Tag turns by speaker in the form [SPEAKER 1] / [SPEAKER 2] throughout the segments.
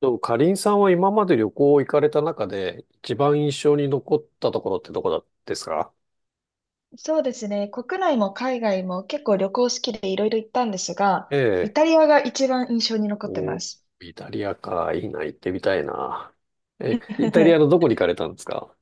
[SPEAKER 1] とも、かりんさんは今まで旅行行かれた中で、一番印象に残ったところってどこだですか？
[SPEAKER 2] そうですね。国内も海外も結構旅行好きでいろいろ行ったんですが、
[SPEAKER 1] え
[SPEAKER 2] イタ
[SPEAKER 1] え。
[SPEAKER 2] リアが一番印象に残ってま
[SPEAKER 1] お、
[SPEAKER 2] す。
[SPEAKER 1] イタリアか。いいな、行ってみたいな。え、イタリアのど こに行かれたんですか？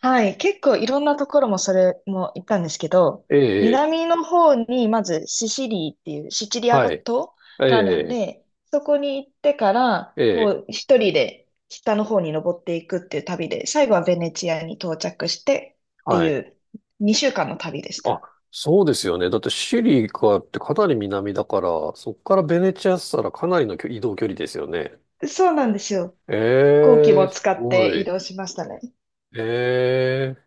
[SPEAKER 2] はい。結構いろんなところもそれも行ったんですけど、
[SPEAKER 1] ええ、ええ。
[SPEAKER 2] 南の方にまずシシリーっていうシチリア
[SPEAKER 1] はい。
[SPEAKER 2] 島
[SPEAKER 1] え
[SPEAKER 2] があるん
[SPEAKER 1] え、
[SPEAKER 2] で、そこに行ってから、
[SPEAKER 1] え
[SPEAKER 2] こ
[SPEAKER 1] え、
[SPEAKER 2] う一人で北の方に登っていくっていう旅で、最後はベネチアに到着してって
[SPEAKER 1] は
[SPEAKER 2] い
[SPEAKER 1] い。
[SPEAKER 2] う2週間の旅でし
[SPEAKER 1] あ、
[SPEAKER 2] た。
[SPEAKER 1] そうですよね。だってシリカってかなり南だから、そこからベネチアしたらかなりの距移動距離ですよね。
[SPEAKER 2] そうなんですよ。飛行機
[SPEAKER 1] え
[SPEAKER 2] も
[SPEAKER 1] え、す
[SPEAKER 2] 使っ
[SPEAKER 1] ご
[SPEAKER 2] て移
[SPEAKER 1] い。
[SPEAKER 2] 動しましたね。
[SPEAKER 1] ええ、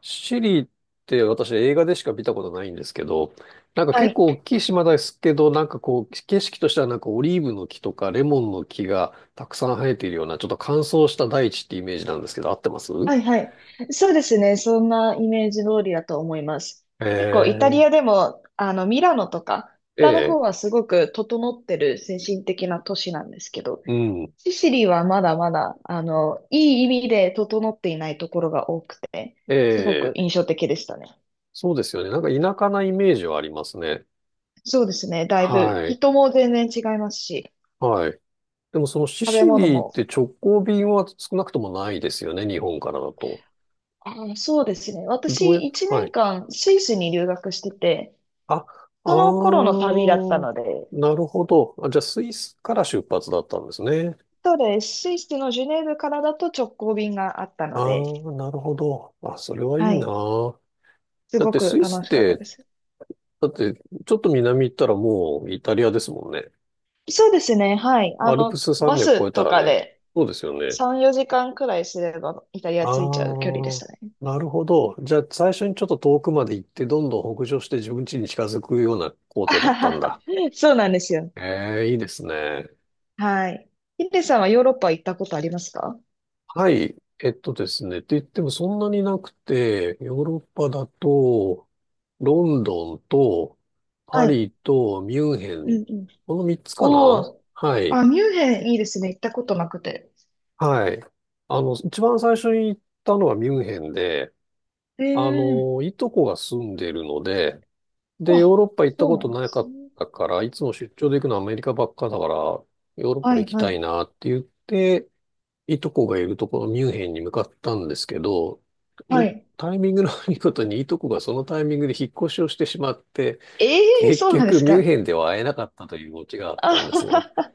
[SPEAKER 1] シリって私映画でしか見たことないんですけど、なんか
[SPEAKER 2] は
[SPEAKER 1] 結
[SPEAKER 2] い。
[SPEAKER 1] 構大きい島ですけど、なんかこう景色としてはなんかオリーブの木とかレモンの木がたくさん生えているようなちょっと乾燥した大地ってイメージなんですけど、合ってます
[SPEAKER 2] はいはい。そうですね。そんなイメージ通りだと思います。
[SPEAKER 1] え
[SPEAKER 2] 結構イタ
[SPEAKER 1] ー、
[SPEAKER 2] リアでも、ミラノとか、
[SPEAKER 1] え
[SPEAKER 2] 北の
[SPEAKER 1] え、
[SPEAKER 2] 方はすごく整ってる精神的な都市なんですけど、
[SPEAKER 1] うん、
[SPEAKER 2] シシリはまだまだ、いい意味で整っていないところが多くて、
[SPEAKER 1] え
[SPEAKER 2] すごく
[SPEAKER 1] え、
[SPEAKER 2] 印象的でしたね。
[SPEAKER 1] そうですよね。なんか田舎なイメージはありますね。
[SPEAKER 2] そうですね。だいぶ、
[SPEAKER 1] はい、
[SPEAKER 2] 人も全然違いますし、
[SPEAKER 1] はい。でもそのシ
[SPEAKER 2] 食べ
[SPEAKER 1] シ
[SPEAKER 2] 物
[SPEAKER 1] リっ
[SPEAKER 2] も。
[SPEAKER 1] て直行便は少なくともないですよね、日本からだと。
[SPEAKER 2] そうですね。
[SPEAKER 1] どうや、
[SPEAKER 2] 私、1
[SPEAKER 1] は
[SPEAKER 2] 年
[SPEAKER 1] い。
[SPEAKER 2] 間、スイスに留学してて、
[SPEAKER 1] あ、あ
[SPEAKER 2] その頃の旅だった
[SPEAKER 1] ー、
[SPEAKER 2] ので、
[SPEAKER 1] なるほど。あ、じゃあ、スイスから出発だったんですね。
[SPEAKER 2] そうです。スイスのジュネーブからだと直行便があったの
[SPEAKER 1] あ
[SPEAKER 2] で、
[SPEAKER 1] あ、なるほど。あ、それはいい
[SPEAKER 2] は
[SPEAKER 1] な。
[SPEAKER 2] い。す
[SPEAKER 1] だっ
[SPEAKER 2] ご
[SPEAKER 1] て
[SPEAKER 2] く
[SPEAKER 1] スイスっ
[SPEAKER 2] 楽しかった
[SPEAKER 1] て、
[SPEAKER 2] です。
[SPEAKER 1] だってちょっと南行ったらもうイタリアですもんね。
[SPEAKER 2] そうですね。はい。
[SPEAKER 1] アルプス山
[SPEAKER 2] バ
[SPEAKER 1] 脈
[SPEAKER 2] ス
[SPEAKER 1] 越えた
[SPEAKER 2] と
[SPEAKER 1] ら
[SPEAKER 2] か
[SPEAKER 1] ね。
[SPEAKER 2] で
[SPEAKER 1] そうですよね。
[SPEAKER 2] 3、4時間くらいすればイタリ
[SPEAKER 1] あ
[SPEAKER 2] ア着いちゃう距離でし
[SPEAKER 1] あ、
[SPEAKER 2] たね。
[SPEAKER 1] なるほど。じゃあ最初にちょっと遠くまで行って、どんどん北上して自分家に近づくような行
[SPEAKER 2] あ
[SPEAKER 1] 程だ
[SPEAKER 2] は
[SPEAKER 1] ったん
[SPEAKER 2] は。
[SPEAKER 1] だ。
[SPEAKER 2] そうなんですよ。
[SPEAKER 1] ええ、いいですね。
[SPEAKER 2] はい。ヒデさんはヨーロッパ行ったことありますか？
[SPEAKER 1] はい。えっとですね。って言ってもそんなになくて、ヨーロッパだと、ロンドンと、
[SPEAKER 2] は
[SPEAKER 1] パ
[SPEAKER 2] い。
[SPEAKER 1] リと、ミュンヘ
[SPEAKER 2] う
[SPEAKER 1] ン。
[SPEAKER 2] んうん。
[SPEAKER 1] この三つか
[SPEAKER 2] お
[SPEAKER 1] な？
[SPEAKER 2] お。
[SPEAKER 1] はい。
[SPEAKER 2] あ、ミュンヘンいいですね。行ったことなくて。
[SPEAKER 1] はい。一番最初に行ったのはミュンヘンで、
[SPEAKER 2] ええ。
[SPEAKER 1] いとこが住んでるので、で、ヨ
[SPEAKER 2] あ、
[SPEAKER 1] ーロッパ行った
[SPEAKER 2] そう
[SPEAKER 1] こ
[SPEAKER 2] な
[SPEAKER 1] と
[SPEAKER 2] んで
[SPEAKER 1] なか
[SPEAKER 2] す
[SPEAKER 1] っ
[SPEAKER 2] ね。
[SPEAKER 1] たから、いつも出張で行くのはアメリカばっかだから、ヨーロッパ
[SPEAKER 2] は
[SPEAKER 1] 行
[SPEAKER 2] い
[SPEAKER 1] き
[SPEAKER 2] は
[SPEAKER 1] たい
[SPEAKER 2] い。
[SPEAKER 1] なって言って、いとこがいるところ、ミュンヘンに向かったんですけど、
[SPEAKER 2] は
[SPEAKER 1] う
[SPEAKER 2] い。
[SPEAKER 1] タイミングの悪いことにいとこがそのタイミングで引っ越しをしてしまって、
[SPEAKER 2] ええ。
[SPEAKER 1] 結
[SPEAKER 2] そうなんで
[SPEAKER 1] 局
[SPEAKER 2] す
[SPEAKER 1] ミュン
[SPEAKER 2] か？
[SPEAKER 1] ヘンでは会えなかったというオチがあ っ
[SPEAKER 2] あ
[SPEAKER 1] たんですね。
[SPEAKER 2] はは。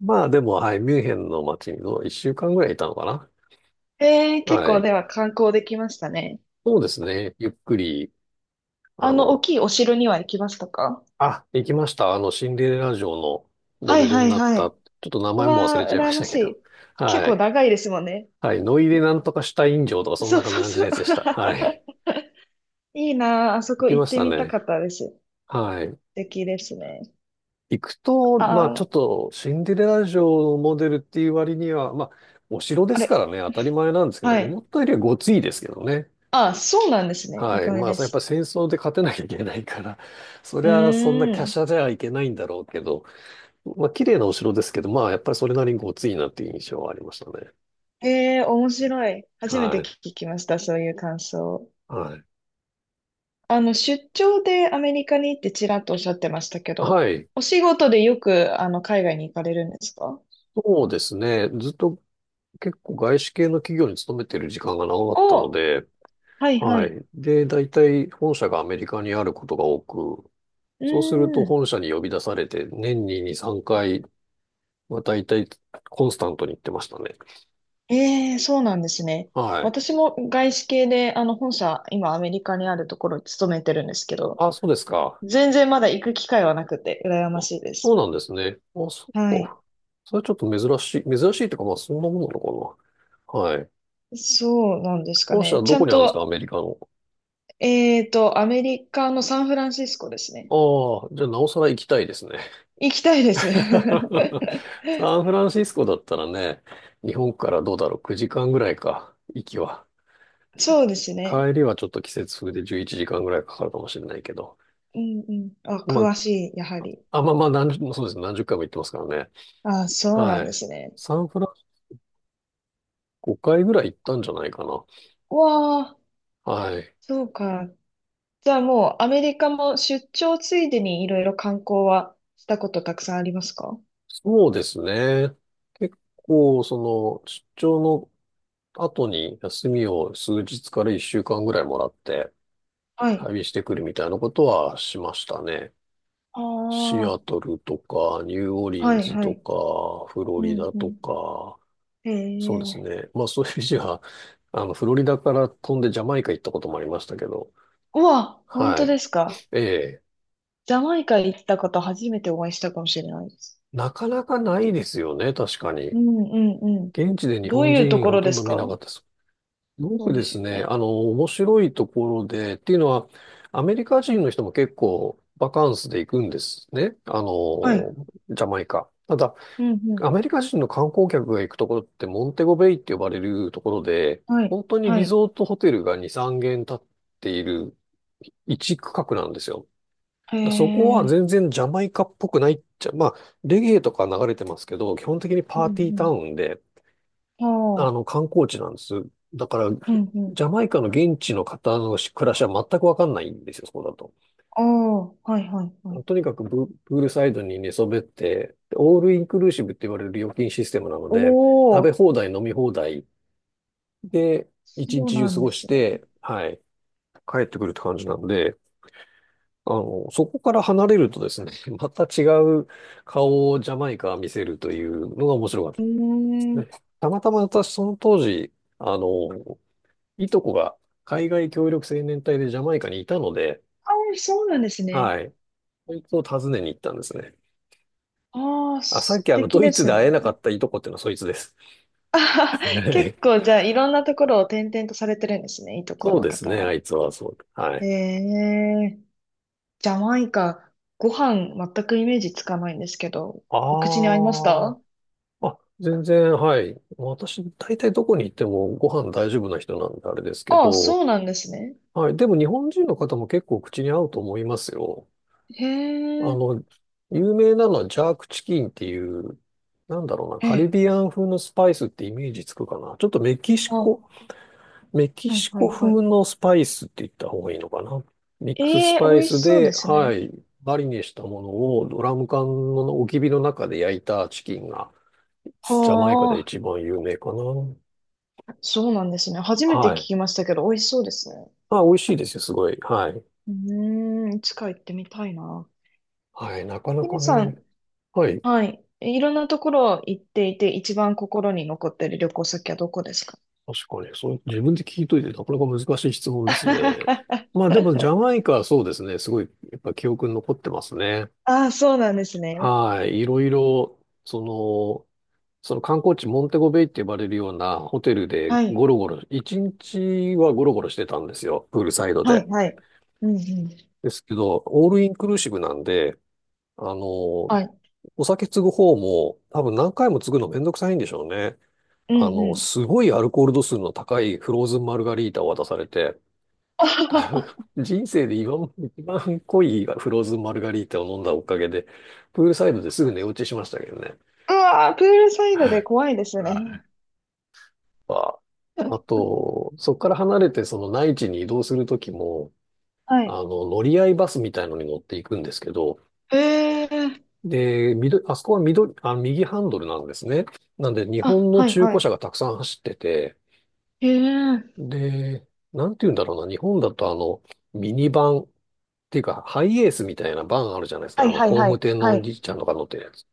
[SPEAKER 1] まあでも、はい、ミュンヘンの街にの1週間ぐらいいたのか
[SPEAKER 2] えー、
[SPEAKER 1] な。
[SPEAKER 2] 結
[SPEAKER 1] は
[SPEAKER 2] 構
[SPEAKER 1] い。
[SPEAKER 2] では観光できましたね。
[SPEAKER 1] そうですね。ゆっくり、あ
[SPEAKER 2] 大
[SPEAKER 1] の、
[SPEAKER 2] きいお城には行きましたか？
[SPEAKER 1] あ、行きました。シンデレラ城のモ
[SPEAKER 2] はい
[SPEAKER 1] デル
[SPEAKER 2] は
[SPEAKER 1] に
[SPEAKER 2] い
[SPEAKER 1] なっ
[SPEAKER 2] は
[SPEAKER 1] た。ち
[SPEAKER 2] い。
[SPEAKER 1] ょっと名
[SPEAKER 2] う
[SPEAKER 1] 前も忘
[SPEAKER 2] わ
[SPEAKER 1] れ
[SPEAKER 2] ー、
[SPEAKER 1] ちゃいま
[SPEAKER 2] 羨
[SPEAKER 1] し
[SPEAKER 2] ま
[SPEAKER 1] た
[SPEAKER 2] し
[SPEAKER 1] けど。
[SPEAKER 2] い。結
[SPEAKER 1] は
[SPEAKER 2] 構
[SPEAKER 1] い。
[SPEAKER 2] 長いですもんね。
[SPEAKER 1] はい。ノイでなんとかシュタイン城とかそん
[SPEAKER 2] そう
[SPEAKER 1] な感
[SPEAKER 2] そう
[SPEAKER 1] じ
[SPEAKER 2] そ
[SPEAKER 1] の
[SPEAKER 2] う。
[SPEAKER 1] やつでした。はい。
[SPEAKER 2] いいなあ、あそ
[SPEAKER 1] 行
[SPEAKER 2] こ
[SPEAKER 1] き
[SPEAKER 2] 行
[SPEAKER 1] ま
[SPEAKER 2] っ
[SPEAKER 1] し
[SPEAKER 2] て
[SPEAKER 1] た
[SPEAKER 2] みたか
[SPEAKER 1] ね。
[SPEAKER 2] ったです。素
[SPEAKER 1] はい。
[SPEAKER 2] 敵ですね。
[SPEAKER 1] 行くと、
[SPEAKER 2] あ
[SPEAKER 1] まあちょっ
[SPEAKER 2] ー、
[SPEAKER 1] とシンデレラ城のモデルっていう割には、まあお城で
[SPEAKER 2] あ
[SPEAKER 1] すか
[SPEAKER 2] れ、
[SPEAKER 1] らね、当たり前なんですけど、
[SPEAKER 2] はい。
[SPEAKER 1] 思ったよりはごついですけどね。
[SPEAKER 2] あー、そうなんですね。意
[SPEAKER 1] はい。
[SPEAKER 2] 外
[SPEAKER 1] まあ
[SPEAKER 2] で
[SPEAKER 1] やっぱ
[SPEAKER 2] す。
[SPEAKER 1] り戦争で勝てなきゃいけないから、そ
[SPEAKER 2] う
[SPEAKER 1] り
[SPEAKER 2] ー
[SPEAKER 1] ゃそんな華
[SPEAKER 2] ん。
[SPEAKER 1] 奢じゃいけないんだろうけど、まあ綺麗なお城ですけど、まあやっぱりそれなりにごついなっていう印象はありましたね。
[SPEAKER 2] えー、面白い。初めて
[SPEAKER 1] はい。
[SPEAKER 2] 聞きました、そういう感想。
[SPEAKER 1] はい。
[SPEAKER 2] 出張でアメリカに行ってちらっとおっしゃってましたけど、
[SPEAKER 1] はい。
[SPEAKER 2] お仕事でよく、海外に行かれるんですか？
[SPEAKER 1] そうですね。ずっと結構外資系の企業に勤めてる時間が長かったの
[SPEAKER 2] お、
[SPEAKER 1] で、
[SPEAKER 2] はいは
[SPEAKER 1] は
[SPEAKER 2] い。
[SPEAKER 1] い。で、大体本社がアメリカにあることが多く、
[SPEAKER 2] う
[SPEAKER 1] そうすると
[SPEAKER 2] ーん。
[SPEAKER 1] 本社に呼び出されて年に2、3回は大体コンスタントに行ってましたね。
[SPEAKER 2] ええ、そうなんですね。
[SPEAKER 1] はい。
[SPEAKER 2] 私も外資系で、本社、今アメリカにあるところに勤めてるんですけど、
[SPEAKER 1] あ、そうですか。
[SPEAKER 2] 全然まだ行く機会はなくて、羨ま
[SPEAKER 1] あ、
[SPEAKER 2] しいで
[SPEAKER 1] そう
[SPEAKER 2] す。
[SPEAKER 1] なんですね。あ、そ
[SPEAKER 2] は
[SPEAKER 1] っ
[SPEAKER 2] い。
[SPEAKER 1] か。それはちょっと珍しい、珍しいというかまあそんなものなのかな。はい。
[SPEAKER 2] そうなんですか
[SPEAKER 1] 本社
[SPEAKER 2] ね。ち
[SPEAKER 1] ど
[SPEAKER 2] ゃ
[SPEAKER 1] こ
[SPEAKER 2] ん
[SPEAKER 1] にあるんですか、ア
[SPEAKER 2] と、
[SPEAKER 1] メリカの。
[SPEAKER 2] アメリカのサンフランシスコですね。
[SPEAKER 1] ああ、じゃあなおさら行きたいですね。
[SPEAKER 2] 行きたいです。
[SPEAKER 1] サンフランシスコだったらね、日本からどうだろう、9時間ぐらいか、行きは。そ
[SPEAKER 2] そうですね。
[SPEAKER 1] 帰りはちょっと季節風で11時間ぐらいかかるかもしれないけど。
[SPEAKER 2] うんうん。あ、
[SPEAKER 1] ま
[SPEAKER 2] 詳しい、やはり。
[SPEAKER 1] あ、あ、まあまあ、そうですね。何十回も行ってますからね。
[SPEAKER 2] あ、そうな
[SPEAKER 1] は
[SPEAKER 2] んで
[SPEAKER 1] い。
[SPEAKER 2] すね。
[SPEAKER 1] サンフランシス5回ぐらい行ったんじゃないかな。
[SPEAKER 2] うわあ、
[SPEAKER 1] はい。
[SPEAKER 2] そうか。じゃあもうアメリカも出張ついでにいろいろ観光はしたことたくさんありますか？
[SPEAKER 1] そうですね。結構、出張の後に休みを数日から1週間ぐらいもらって
[SPEAKER 2] はい。
[SPEAKER 1] 旅してくるみたいなことはしましたね。
[SPEAKER 2] あ
[SPEAKER 1] シア
[SPEAKER 2] あ、
[SPEAKER 1] トルとか、ニューオーリ
[SPEAKER 2] は
[SPEAKER 1] ン
[SPEAKER 2] い
[SPEAKER 1] ズ
[SPEAKER 2] は
[SPEAKER 1] と
[SPEAKER 2] い。
[SPEAKER 1] か、フロ
[SPEAKER 2] う
[SPEAKER 1] リ
[SPEAKER 2] ん
[SPEAKER 1] ダ
[SPEAKER 2] う
[SPEAKER 1] と
[SPEAKER 2] ん。
[SPEAKER 1] か、
[SPEAKER 2] へ
[SPEAKER 1] そうです
[SPEAKER 2] え。
[SPEAKER 1] ね。まあそういう意味では フロリダから飛んでジャマイカ行ったこともありましたけど、
[SPEAKER 2] うわ、本
[SPEAKER 1] は
[SPEAKER 2] 当で
[SPEAKER 1] い。
[SPEAKER 2] すか？
[SPEAKER 1] ええ、
[SPEAKER 2] ジャマイカ行った方初めてお会いしたかもしれないです。
[SPEAKER 1] なかなかないですよね、確かに。
[SPEAKER 2] うんうんうん。
[SPEAKER 1] 現地で日
[SPEAKER 2] どう
[SPEAKER 1] 本
[SPEAKER 2] いうと
[SPEAKER 1] 人
[SPEAKER 2] こ
[SPEAKER 1] ほ
[SPEAKER 2] ろ
[SPEAKER 1] と
[SPEAKER 2] で
[SPEAKER 1] ん
[SPEAKER 2] す
[SPEAKER 1] ど見なか
[SPEAKER 2] か？
[SPEAKER 1] ったです。すご
[SPEAKER 2] そう
[SPEAKER 1] く
[SPEAKER 2] で
[SPEAKER 1] で
[SPEAKER 2] す
[SPEAKER 1] す
[SPEAKER 2] よ
[SPEAKER 1] ね、
[SPEAKER 2] ね。
[SPEAKER 1] 面白いところで、っていうのは、アメリカ人の人も結構バカンスで行くんですね。
[SPEAKER 2] はい。
[SPEAKER 1] ジャマイカ。ただ、
[SPEAKER 2] うんう
[SPEAKER 1] ア
[SPEAKER 2] ん。
[SPEAKER 1] メリカ人の観光客が行くところってモンテゴベイって呼ばれるところで、
[SPEAKER 2] はい。
[SPEAKER 1] 本当に
[SPEAKER 2] は
[SPEAKER 1] リ
[SPEAKER 2] い。
[SPEAKER 1] ゾートホテルが2、3軒建っている一区画なんですよ。
[SPEAKER 2] へ
[SPEAKER 1] だそこは
[SPEAKER 2] え。
[SPEAKER 1] 全然ジャマイカっぽくないっちゃ、まあ、レゲエとか流れてますけど、基本的に
[SPEAKER 2] うん
[SPEAKER 1] パーティー
[SPEAKER 2] う
[SPEAKER 1] タウ
[SPEAKER 2] ん。
[SPEAKER 1] ンで、
[SPEAKER 2] ああ、
[SPEAKER 1] 観光地なんです。だから、
[SPEAKER 2] うんう
[SPEAKER 1] ジ
[SPEAKER 2] ん。
[SPEAKER 1] ャマイカの現地の方の暮らしは全くわかんないんですよ、そこだと。
[SPEAKER 2] ああ、はいはいはい。
[SPEAKER 1] とにかくププールサイドに寝そべって、オールインクルーシブって言われる料金システムなの
[SPEAKER 2] お
[SPEAKER 1] で、食べ
[SPEAKER 2] お、
[SPEAKER 1] 放題、飲み放題で、一
[SPEAKER 2] そう
[SPEAKER 1] 日中
[SPEAKER 2] な
[SPEAKER 1] 過
[SPEAKER 2] んで
[SPEAKER 1] ごし
[SPEAKER 2] すね。
[SPEAKER 1] て、はい、帰ってくるって感じなので、そこから離れるとですね、また違う顔をジャマイカは見せるというのが面白かった
[SPEAKER 2] う
[SPEAKER 1] です
[SPEAKER 2] ーん。
[SPEAKER 1] ね。たまたま私その当時、あの、いとこが海外協力青年隊でジャマイカにいたので、
[SPEAKER 2] ああ、そうなんですね。
[SPEAKER 1] はい、そいつを訪ねに行ったんですね。
[SPEAKER 2] ああ、
[SPEAKER 1] あ、さっ
[SPEAKER 2] 素
[SPEAKER 1] き
[SPEAKER 2] 敵
[SPEAKER 1] ドイ
[SPEAKER 2] で
[SPEAKER 1] ツで
[SPEAKER 2] すね。
[SPEAKER 1] 会えなかったいとこっていうのはそいつです。
[SPEAKER 2] 結構、じゃあ、いろんなところを転々とされてるんですね、いとこ
[SPEAKER 1] そう
[SPEAKER 2] の
[SPEAKER 1] です
[SPEAKER 2] 方
[SPEAKER 1] ね、あ
[SPEAKER 2] は。
[SPEAKER 1] いつはそう。は
[SPEAKER 2] え
[SPEAKER 1] い。
[SPEAKER 2] え、ジャマイカ、ご飯全くイメージつかないんですけど、お口に合いまし
[SPEAKER 1] ああ、
[SPEAKER 2] た？
[SPEAKER 1] あ、全然、はい。私、大体どこに行ってもご飯大丈夫な人なんであれですけ
[SPEAKER 2] ああ、
[SPEAKER 1] ど、
[SPEAKER 2] そうなんですね。
[SPEAKER 1] はい。でも日本人の方も結構口に合うと思いますよ。
[SPEAKER 2] へ
[SPEAKER 1] あ
[SPEAKER 2] え、
[SPEAKER 1] の、有名なのはジャークチキンっていう、なんだろうな、
[SPEAKER 2] え
[SPEAKER 1] カリ
[SPEAKER 2] え、
[SPEAKER 1] ビアン風のスパイスってイメージつくかな。ちょっとメキシ
[SPEAKER 2] あ、は
[SPEAKER 1] コメキ
[SPEAKER 2] い
[SPEAKER 1] シ
[SPEAKER 2] は
[SPEAKER 1] コ
[SPEAKER 2] いは
[SPEAKER 1] 風
[SPEAKER 2] い。
[SPEAKER 1] のスパイスって言った方がいいのかな。ミックスス
[SPEAKER 2] ええ、美
[SPEAKER 1] パイ
[SPEAKER 2] 味
[SPEAKER 1] ス
[SPEAKER 2] しそうで
[SPEAKER 1] で、
[SPEAKER 2] す
[SPEAKER 1] は
[SPEAKER 2] ね。
[SPEAKER 1] い、マリネしたものをドラム缶の置き火の中で焼いたチキンが、ジャマイカ
[SPEAKER 2] は
[SPEAKER 1] で
[SPEAKER 2] あ。
[SPEAKER 1] 一番有名かな。
[SPEAKER 2] そうなんですね。初めて聞
[SPEAKER 1] はい。
[SPEAKER 2] きましたけど、美味しそうですね。
[SPEAKER 1] まあ、美味しいですよ、すごい。はい。
[SPEAKER 2] うーん、いつか行ってみたいな。
[SPEAKER 1] はい、なかな
[SPEAKER 2] ひ
[SPEAKER 1] か
[SPEAKER 2] みさん、
[SPEAKER 1] ね。はい。
[SPEAKER 2] はい。いろんなところ行っていて、一番心に残ってる旅行先はどこですか？
[SPEAKER 1] 確かに、そう、自分で聞いといて、なかなか難しい質問ですね。まあでも、ジャマ イカはそうですね。すごい、やっぱ記憶に残ってますね。
[SPEAKER 2] ああ、そうなんですね。
[SPEAKER 1] はい。いろいろ、その、その観光地モンテゴベイって呼ばれるようなホテルで
[SPEAKER 2] はい。
[SPEAKER 1] ゴロゴロ、一日はゴロゴロしてたんですよ、プールサイド
[SPEAKER 2] は
[SPEAKER 1] で。
[SPEAKER 2] い、はい。うんうん。
[SPEAKER 1] ですけど、オールインクルーシブなんで、あの、お
[SPEAKER 2] はい。
[SPEAKER 1] 酒継ぐ方も多分何回も継ぐのめんどくさいんでしょうね。
[SPEAKER 2] うんうん。
[SPEAKER 1] すごいアルコール度数の高いフローズンマルガリータを渡されて、多分 人生で今まで一番濃いフローズンマルガリータを飲んだおかげで、プールサイドですぐ寝落ちしましたけどね。
[SPEAKER 2] うわー、プールサイド
[SPEAKER 1] は
[SPEAKER 2] で
[SPEAKER 1] い
[SPEAKER 2] 怖いですね。
[SPEAKER 1] か、あ と、そこから離れてその内地に移動するときも、
[SPEAKER 2] はい。
[SPEAKER 1] 乗り合いバスみたいのに乗っていくんですけど、
[SPEAKER 2] ええ。
[SPEAKER 1] で、緑、あそこは緑、あ、右ハンドルなんですね。なんで、日
[SPEAKER 2] あ、
[SPEAKER 1] 本の
[SPEAKER 2] はい、
[SPEAKER 1] 中
[SPEAKER 2] は
[SPEAKER 1] 古車
[SPEAKER 2] い。
[SPEAKER 1] がたくさん走ってて、
[SPEAKER 2] ええ。
[SPEAKER 1] で、なんて言うんだろうな、日本だとミニバンっていうか、ハイエースみたいなバンあるじゃないです
[SPEAKER 2] は
[SPEAKER 1] か。
[SPEAKER 2] い、はい、
[SPEAKER 1] 工
[SPEAKER 2] は
[SPEAKER 1] 務
[SPEAKER 2] い。
[SPEAKER 1] 店の
[SPEAKER 2] は
[SPEAKER 1] おじ
[SPEAKER 2] い。
[SPEAKER 1] いちゃんとか乗ってるやつ。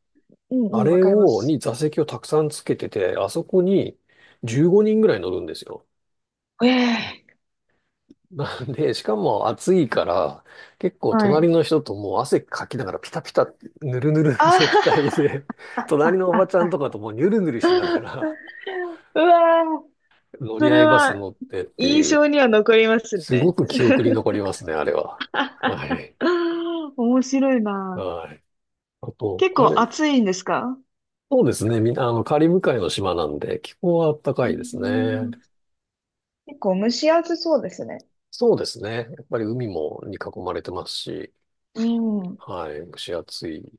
[SPEAKER 2] うんう
[SPEAKER 1] あ
[SPEAKER 2] ん、わ
[SPEAKER 1] れ
[SPEAKER 2] かりま
[SPEAKER 1] を、
[SPEAKER 2] す。
[SPEAKER 1] に座席をたくさんつけてて、あそこに15人ぐらい乗るんですよ。
[SPEAKER 2] ええ。
[SPEAKER 1] なんで、しかも暑いから、結構
[SPEAKER 2] は
[SPEAKER 1] 隣
[SPEAKER 2] い。
[SPEAKER 1] の人ともう汗かきながらピタピタ、ぬるぬるの状態
[SPEAKER 2] あ
[SPEAKER 1] で、
[SPEAKER 2] あ、
[SPEAKER 1] 隣
[SPEAKER 2] あ、
[SPEAKER 1] のおば
[SPEAKER 2] あ、
[SPEAKER 1] ちゃん
[SPEAKER 2] あ、
[SPEAKER 1] とかともうニュルニュルしながら
[SPEAKER 2] うわー、
[SPEAKER 1] 乗
[SPEAKER 2] そ
[SPEAKER 1] り合
[SPEAKER 2] れ
[SPEAKER 1] いバス
[SPEAKER 2] は
[SPEAKER 1] 乗ってって
[SPEAKER 2] 印
[SPEAKER 1] い
[SPEAKER 2] 象
[SPEAKER 1] う、
[SPEAKER 2] には残ります
[SPEAKER 1] すご
[SPEAKER 2] ね。
[SPEAKER 1] く記憶に残りますね、あれは。はい。
[SPEAKER 2] 面白いな。
[SPEAKER 1] はい。あと、
[SPEAKER 2] 結
[SPEAKER 1] あ
[SPEAKER 2] 構
[SPEAKER 1] れ、
[SPEAKER 2] 暑いんですか？
[SPEAKER 1] そうですね、みんな、カリブ海の島なんで、気候は暖
[SPEAKER 2] う
[SPEAKER 1] か
[SPEAKER 2] ー
[SPEAKER 1] いですね。
[SPEAKER 2] ん、結構蒸し暑そうですね。
[SPEAKER 1] そうですね。やっぱり海もに囲まれてますし、
[SPEAKER 2] うん、
[SPEAKER 1] はい、蒸し暑いで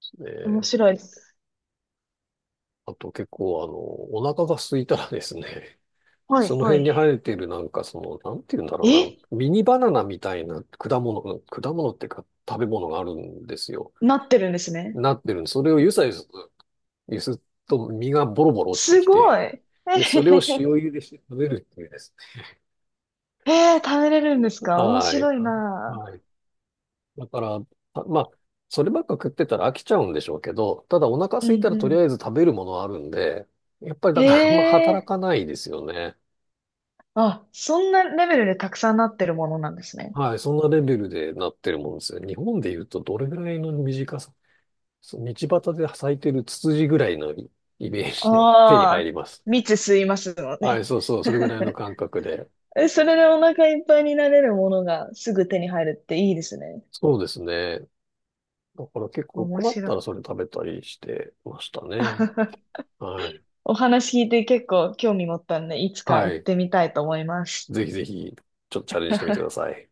[SPEAKER 1] す
[SPEAKER 2] 面
[SPEAKER 1] ね。
[SPEAKER 2] 白いです。
[SPEAKER 1] あと結構お腹が空いたらですね、
[SPEAKER 2] は
[SPEAKER 1] そ
[SPEAKER 2] い、
[SPEAKER 1] の
[SPEAKER 2] は
[SPEAKER 1] 辺に生
[SPEAKER 2] い。
[SPEAKER 1] えてるなんかなんて言うんだ
[SPEAKER 2] え、
[SPEAKER 1] ろうな、ミニバナナみたいな果物、果物っていうか食べ物があるんですよ。
[SPEAKER 2] なってるんですね。
[SPEAKER 1] なってるんで、それをゆさゆす、ゆすっと実がボロボロ落ちて
[SPEAKER 2] す
[SPEAKER 1] き
[SPEAKER 2] ご
[SPEAKER 1] て、
[SPEAKER 2] い。え
[SPEAKER 1] で、
[SPEAKER 2] へ
[SPEAKER 1] それを
[SPEAKER 2] へ
[SPEAKER 1] 塩
[SPEAKER 2] へ。
[SPEAKER 1] 茹でして食べるっていうです
[SPEAKER 2] えー、食べれるんです
[SPEAKER 1] ね。
[SPEAKER 2] か？面
[SPEAKER 1] はい。
[SPEAKER 2] 白いな。
[SPEAKER 1] はい。だから、あまあ、そればっか食ってたら飽きちゃうんでしょうけど、ただお腹
[SPEAKER 2] う
[SPEAKER 1] 空い
[SPEAKER 2] ん
[SPEAKER 1] たらとり
[SPEAKER 2] う
[SPEAKER 1] あえず食べるものはあるんで、やっぱりだからあんま働
[SPEAKER 2] ん。え
[SPEAKER 1] か
[SPEAKER 2] え。
[SPEAKER 1] ないですよね。
[SPEAKER 2] あ、そんなレベルでたくさんなってるものなんですね。
[SPEAKER 1] はい、そんなレベルでなってるもんですね。日本で言うとどれぐらいの短さ、そう道端で咲いてるツツジぐらいのイイメージで手に
[SPEAKER 2] あ
[SPEAKER 1] 入
[SPEAKER 2] あ、
[SPEAKER 1] ります。
[SPEAKER 2] 蜜吸いますの
[SPEAKER 1] はい、
[SPEAKER 2] ね。
[SPEAKER 1] そうそう、それぐらいの感覚で。
[SPEAKER 2] え、それでお腹いっぱいになれるものがすぐ手に入るっていいですね。
[SPEAKER 1] そうですね。だから結構
[SPEAKER 2] 面
[SPEAKER 1] 困っ
[SPEAKER 2] 白
[SPEAKER 1] たら
[SPEAKER 2] い。
[SPEAKER 1] それ食べたりしてましたね。はい。
[SPEAKER 2] お話聞いて結構興味持ったんで、いつか行っ
[SPEAKER 1] はい。
[SPEAKER 2] てみたいと思います。
[SPEAKER 1] ぜひぜひ、ちょっとチャレンジしてみてください。